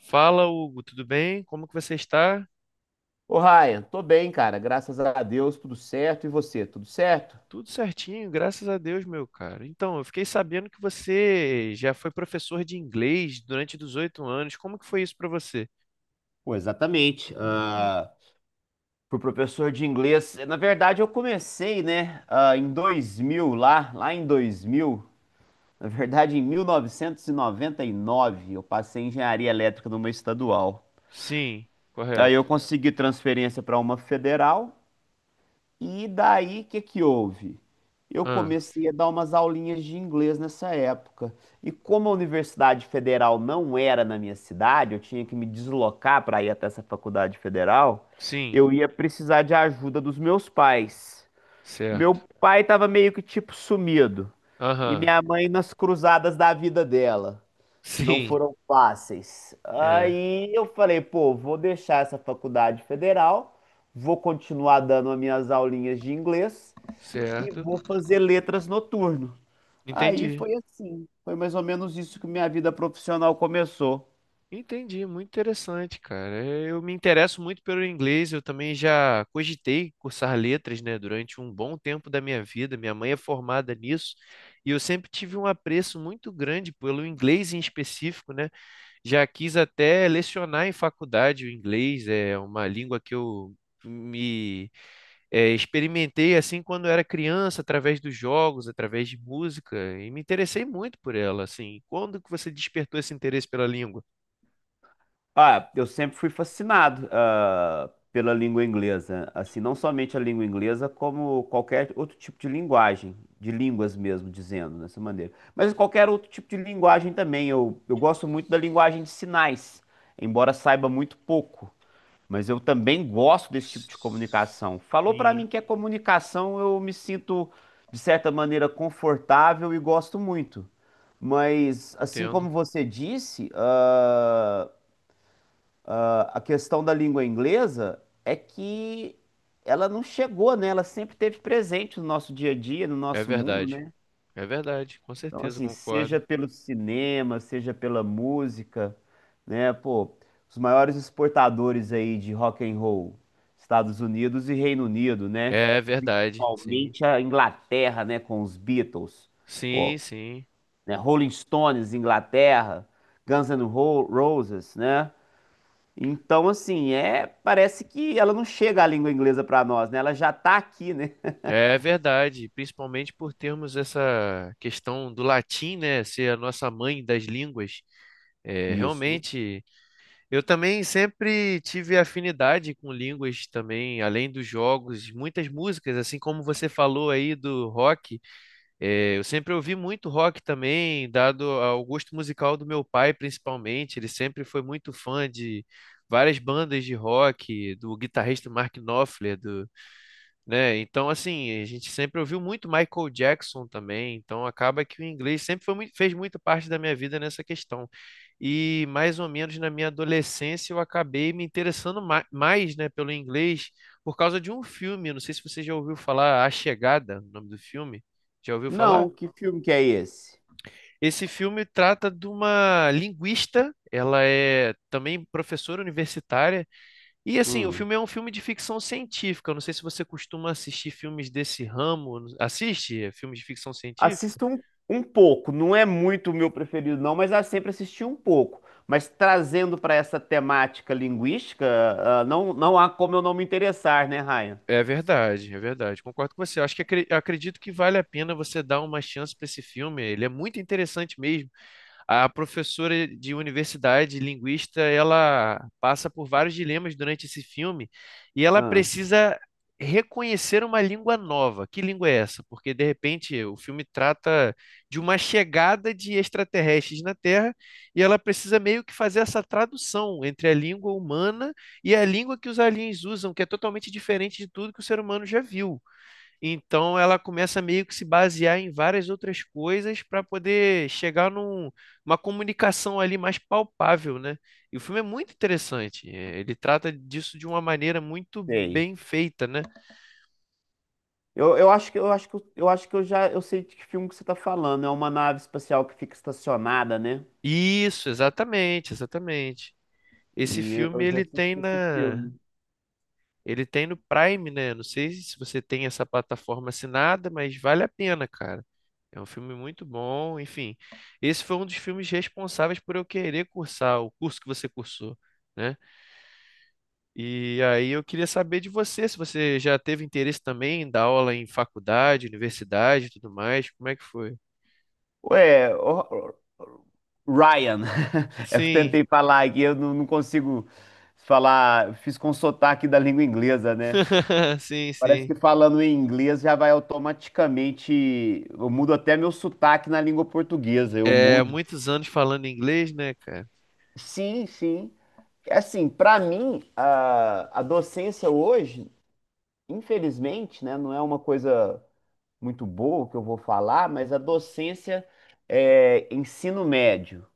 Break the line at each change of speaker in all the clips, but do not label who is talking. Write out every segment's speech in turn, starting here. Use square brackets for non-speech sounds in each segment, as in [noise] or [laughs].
Fala, Hugo, tudo bem? Como que você está?
Ô, Ryan, tô bem, cara. Graças a Deus, tudo certo. E você, tudo certo?
Tudo certinho, graças a Deus, meu cara. Então, eu fiquei sabendo que você já foi professor de inglês durante 18 anos. Como que foi isso para você?
Pô, exatamente. Fui professor de inglês. Na verdade, eu comecei, né, em 2000, lá em 2000. Na verdade, em mil novecentos e noventa e nove, eu passei em engenharia elétrica numa estadual.
Sim,
Aí
correto.
eu consegui transferência para uma federal. E daí, o que que houve? Eu
Ah,
comecei a dar umas aulinhas de inglês nessa época. E como a Universidade Federal não era na minha cidade, eu tinha que me deslocar para ir até essa faculdade federal,
sim,
eu ia precisar de ajuda dos meus pais. Meu
certo.
pai estava meio que tipo sumido, e
Aham,
minha mãe nas cruzadas da vida dela que não
sim,
foram fáceis.
é,
Aí eu falei, pô, vou deixar essa faculdade federal, vou continuar dando as minhas aulinhas de inglês e
certo.
vou fazer letras noturno. Aí
Entendi.
foi assim, foi mais ou menos isso que minha vida profissional começou.
Entendi, muito interessante, cara. Eu me interesso muito pelo inglês, eu também já cogitei cursar letras, né, durante um bom tempo da minha vida. Minha mãe é formada nisso, e eu sempre tive um apreço muito grande pelo inglês em específico, né? Já quis até lecionar em faculdade o inglês, é uma língua que me experimentei assim quando era criança, através dos jogos, através de música, e me interessei muito por ela, assim. Quando que você despertou esse interesse pela língua?
Eu sempre fui fascinado, pela língua inglesa. Assim, não somente a língua inglesa, como qualquer outro tipo de linguagem, de línguas mesmo, dizendo dessa maneira. Mas qualquer outro tipo de linguagem também. Eu gosto muito da linguagem de sinais, embora saiba muito pouco. Mas eu também gosto desse tipo de comunicação. Falou pra
Sim,
mim que é comunicação, eu me sinto, de certa maneira, confortável e gosto muito. Mas, assim
entendo.
como você disse, a questão da língua inglesa é que ela não chegou, né? Ela sempre esteve presente no nosso dia a dia, no
É
nosso mundo,
verdade.
né?
É verdade, com
Então,
certeza
assim, seja
concordo.
pelo cinema, seja pela música, né? Pô, os maiores exportadores aí de rock and roll, Estados Unidos e Reino Unido, né?
É verdade, sim.
Principalmente a Inglaterra, né? Com os Beatles,
Sim,
pô,
sim.
né? Rolling Stones, Inglaterra, Guns N' Roses, né? Então, assim, é, parece que ela não chega à língua inglesa para nós, né? Ela já tá aqui, né?
É verdade, principalmente por termos essa questão do latim, né, ser a nossa mãe das línguas. É,
Isso.
realmente, eu também sempre tive afinidade com línguas também, além dos jogos, muitas músicas, assim como você falou aí do rock. É, eu sempre ouvi muito rock também, dado ao gosto musical do meu pai, principalmente. Ele sempre foi muito fã de várias bandas de rock, do guitarrista Mark Knopfler, do, né? Então, assim, a gente sempre ouviu muito Michael Jackson também. Então, acaba que o inglês sempre foi fez muito parte da minha vida nessa questão. E mais ou menos na minha adolescência eu acabei me interessando mais, né, pelo inglês por causa de um filme. Eu Não sei se você já ouviu falar A Chegada, o nome do filme. Já ouviu falar?
Não, que filme que é esse?
Esse filme trata de uma linguista, ela é também professora universitária, e assim, o
Hum.
filme é um filme de ficção científica. Eu não sei se você costuma assistir filmes desse ramo. Assiste filmes de ficção científica?
Assisto um pouco, não é muito o meu preferido, não, mas eu sempre assisti um pouco. Mas trazendo para essa temática linguística, não, não há como eu não me interessar, né, Ryan?
É verdade, é verdade. Concordo com você. Eu Acho que acredito que vale a pena você dar uma chance para esse filme. Ele é muito interessante mesmo. A professora de universidade, linguista, ela passa por vários dilemas durante esse filme e ela
Ah,
precisa reconhecer uma língua nova. Que língua é essa? Porque, de repente, o filme trata de uma chegada de extraterrestres na Terra e ela precisa meio que fazer essa tradução entre a língua humana e a língua que os aliens usam, que é totalmente diferente de tudo que o ser humano já viu. Então ela começa meio que se basear em várias outras coisas para poder chegar numa comunicação ali mais palpável, né? E o filme é muito interessante. Ele trata disso de uma maneira muito
sei.
bem feita, né?
Eu acho que eu já eu sei de que filme que você está falando. É uma nave espacial que fica estacionada, né?
Isso, exatamente, exatamente. Esse
E eu
filme
eu já
ele tem
assisti esse
na
filme.
Ele tem no Prime, né? Não sei se você tem essa plataforma assinada, mas vale a pena, cara. É um filme muito bom, enfim. Esse foi um dos filmes responsáveis por eu querer cursar o curso que você cursou, né? E aí eu queria saber de você, se você já teve interesse também em dar aula em faculdade, universidade e tudo mais, como é que foi?
Ué, Ryan. [laughs] Eu
Sim,
tentei falar aqui, eu não consigo falar. Fiz com sotaque da língua inglesa, né?
[laughs] sim,
Parece
sim.
que falando em inglês já vai automaticamente. Eu mudo até meu sotaque na língua portuguesa, eu
É,
mudo.
muitos anos falando inglês, né, cara?
Sim, sim. Assim, para mim, a docência hoje, infelizmente, né, não é uma coisa muito boa que eu vou falar, mas a docência é ensino médio,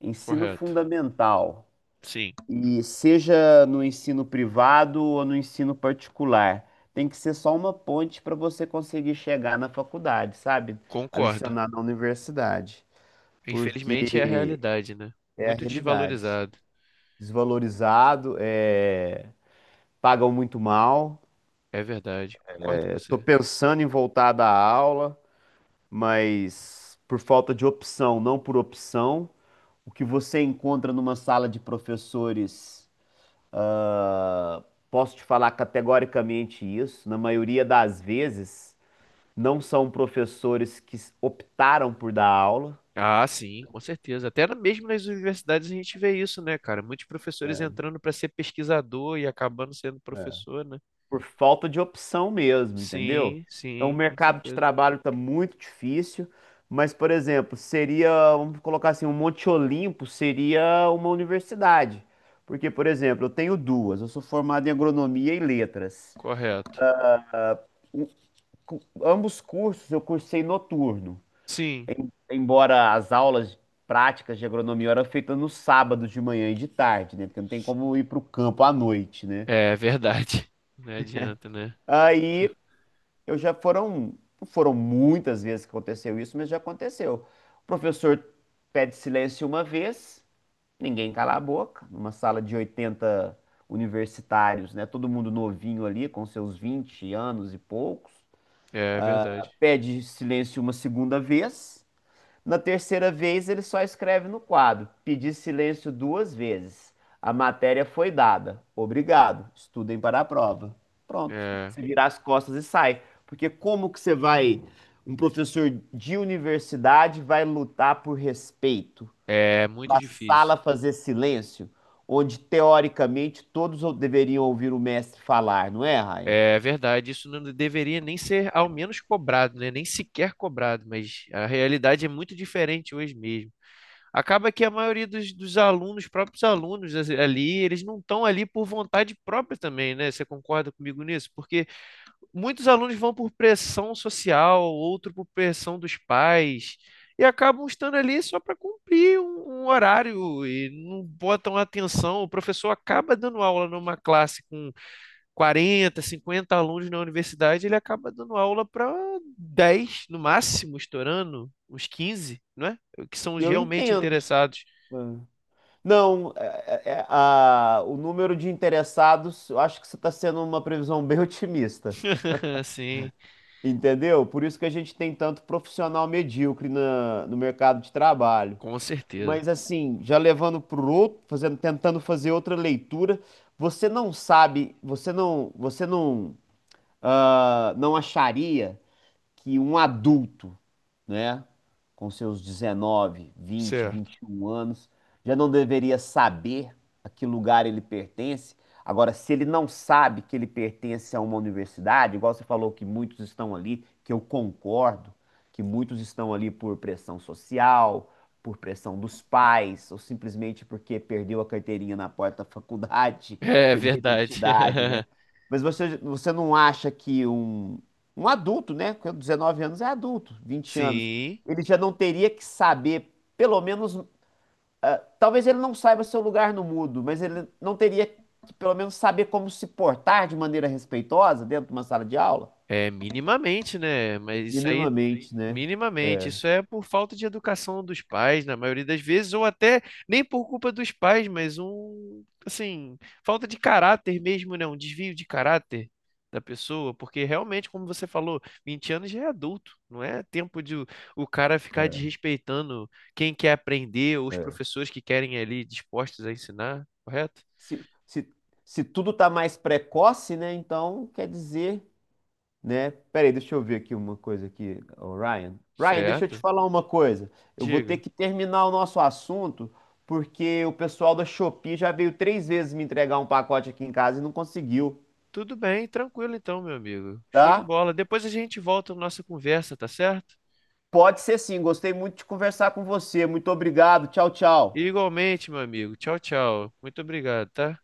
ensino
Correto.
fundamental.
Sim,
E seja no ensino privado ou no ensino particular, tem que ser só uma ponte para você conseguir chegar na faculdade, sabe? A
concordo.
lecionar na universidade,
Infelizmente é a
porque
realidade, né?
é a
Muito
realidade.
desvalorizado.
Desvalorizado, é, pagam muito mal.
É verdade, concordo com
Estou
você.
pensando em voltar da aula, mas por falta de opção, não por opção. O que você encontra numa sala de professores? Ah, Posso te falar categoricamente isso. Na maioria das vezes, não são professores que optaram por dar aula,
Ah, sim, com certeza. Até mesmo nas universidades a gente vê isso, né, cara? Muitos professores entrando para ser pesquisador e acabando sendo professor, né?
por falta de opção mesmo, entendeu?
Sim,
Então, o
sim, com
mercado de
certeza.
trabalho está muito difícil. Mas, por exemplo, seria, vamos colocar assim, um Monte Olimpo seria uma universidade. Porque, por exemplo, eu tenho duas. Eu sou formado em agronomia e letras.
Correto.
O- Ambos cursos eu cursei noturno.
Sim,
Embora as aulas práticas de agronomia eram feitas no sábado de manhã e de tarde, né? Porque não tem como ir para o campo à noite, né?
é verdade. [laughs] Não adianta, né?
Aí eu já foram, não foram muitas vezes que aconteceu isso, mas já aconteceu. O professor pede silêncio uma vez, ninguém cala a boca, numa sala de 80 universitários, né? Todo mundo novinho ali, com seus 20 anos e poucos.
É verdade.
Pede silêncio uma segunda vez. Na terceira vez, ele só escreve no quadro: Pedi silêncio duas vezes. A matéria foi dada. Obrigado. Estudem para a prova. Pronto.
É,
Você vira as costas e sai. Porque como que você vai, um professor de universidade vai lutar por respeito,
é muito
para a
difícil.
sala fazer silêncio, onde teoricamente todos deveriam ouvir o mestre falar, não é, Raia?
É verdade. Isso não deveria nem ser, ao menos, cobrado, né? Nem sequer cobrado, mas a realidade é muito diferente hoje mesmo. Acaba que a maioria dos alunos, próprios alunos ali, eles não estão ali por vontade própria também, né? Você concorda comigo nisso? Porque muitos alunos vão por pressão social, outro por pressão dos pais, e acabam estando ali só para cumprir um horário e não botam atenção. O professor acaba dando aula numa classe com 40, 50 alunos na universidade, ele acaba dando aula para 10 no máximo, estourando, uns 15, não é? Que são os
Eu
realmente
entendo.
interessados.
Não, o número de interessados, eu acho que você está sendo uma previsão bem [laughs] otimista,
[laughs] Sim,
entendeu? Por isso que a gente tem tanto profissional medíocre no mercado de trabalho.
com certeza.
Mas assim, já levando para o outro, fazendo, tentando fazer outra leitura, você não sabe, você não, não acharia que um adulto, né, com seus 19, 20,
Certo.
21 anos, já não deveria saber a que lugar ele pertence. Agora, se ele não sabe que ele pertence a uma universidade, igual você falou que muitos estão ali, que eu concordo, que muitos estão ali por pressão social, por pressão dos pais, ou simplesmente porque perdeu a carteirinha na porta da faculdade, [laughs]
É
perdeu a
verdade.
identidade, né?
[laughs]
Mas você não acha que um adulto, né? Com 19 anos é adulto, 20 anos.
Sim,
Ele já não teria que saber, pelo menos, talvez ele não saiba seu lugar no mundo, mas ele não teria que, pelo menos, saber como se portar de maneira respeitosa dentro de uma sala de aula?
é minimamente, né? Mas isso aí
Minimamente, né?
Minimamente, isso é por falta de educação dos pais, na maioria das vezes, ou até nem por culpa dos pais, mas um, assim, falta de caráter mesmo, né? Um desvio de caráter da pessoa, porque realmente, como você falou, 20 anos já é adulto, não é tempo de o cara ficar desrespeitando quem quer aprender ou os
É.
professores que querem ali dispostos a ensinar, correto?
Se, se, se tudo está mais precoce, né? Então quer dizer, né? Peraí, deixa eu ver aqui uma coisa aqui, ô, Ryan. Ryan, deixa eu te
Certo?
falar uma coisa. Eu vou ter
Diga.
que terminar o nosso assunto porque o pessoal da Shopee já veio três vezes me entregar um pacote aqui em casa e não conseguiu,
Tudo bem, tranquilo então, meu amigo. Show de
tá?
bola. Depois a gente volta na nossa conversa, tá certo?
Pode ser sim. Gostei muito de conversar com você. Muito obrigado. Tchau, tchau.
Igualmente, meu amigo. Tchau, tchau. Muito obrigado, tá?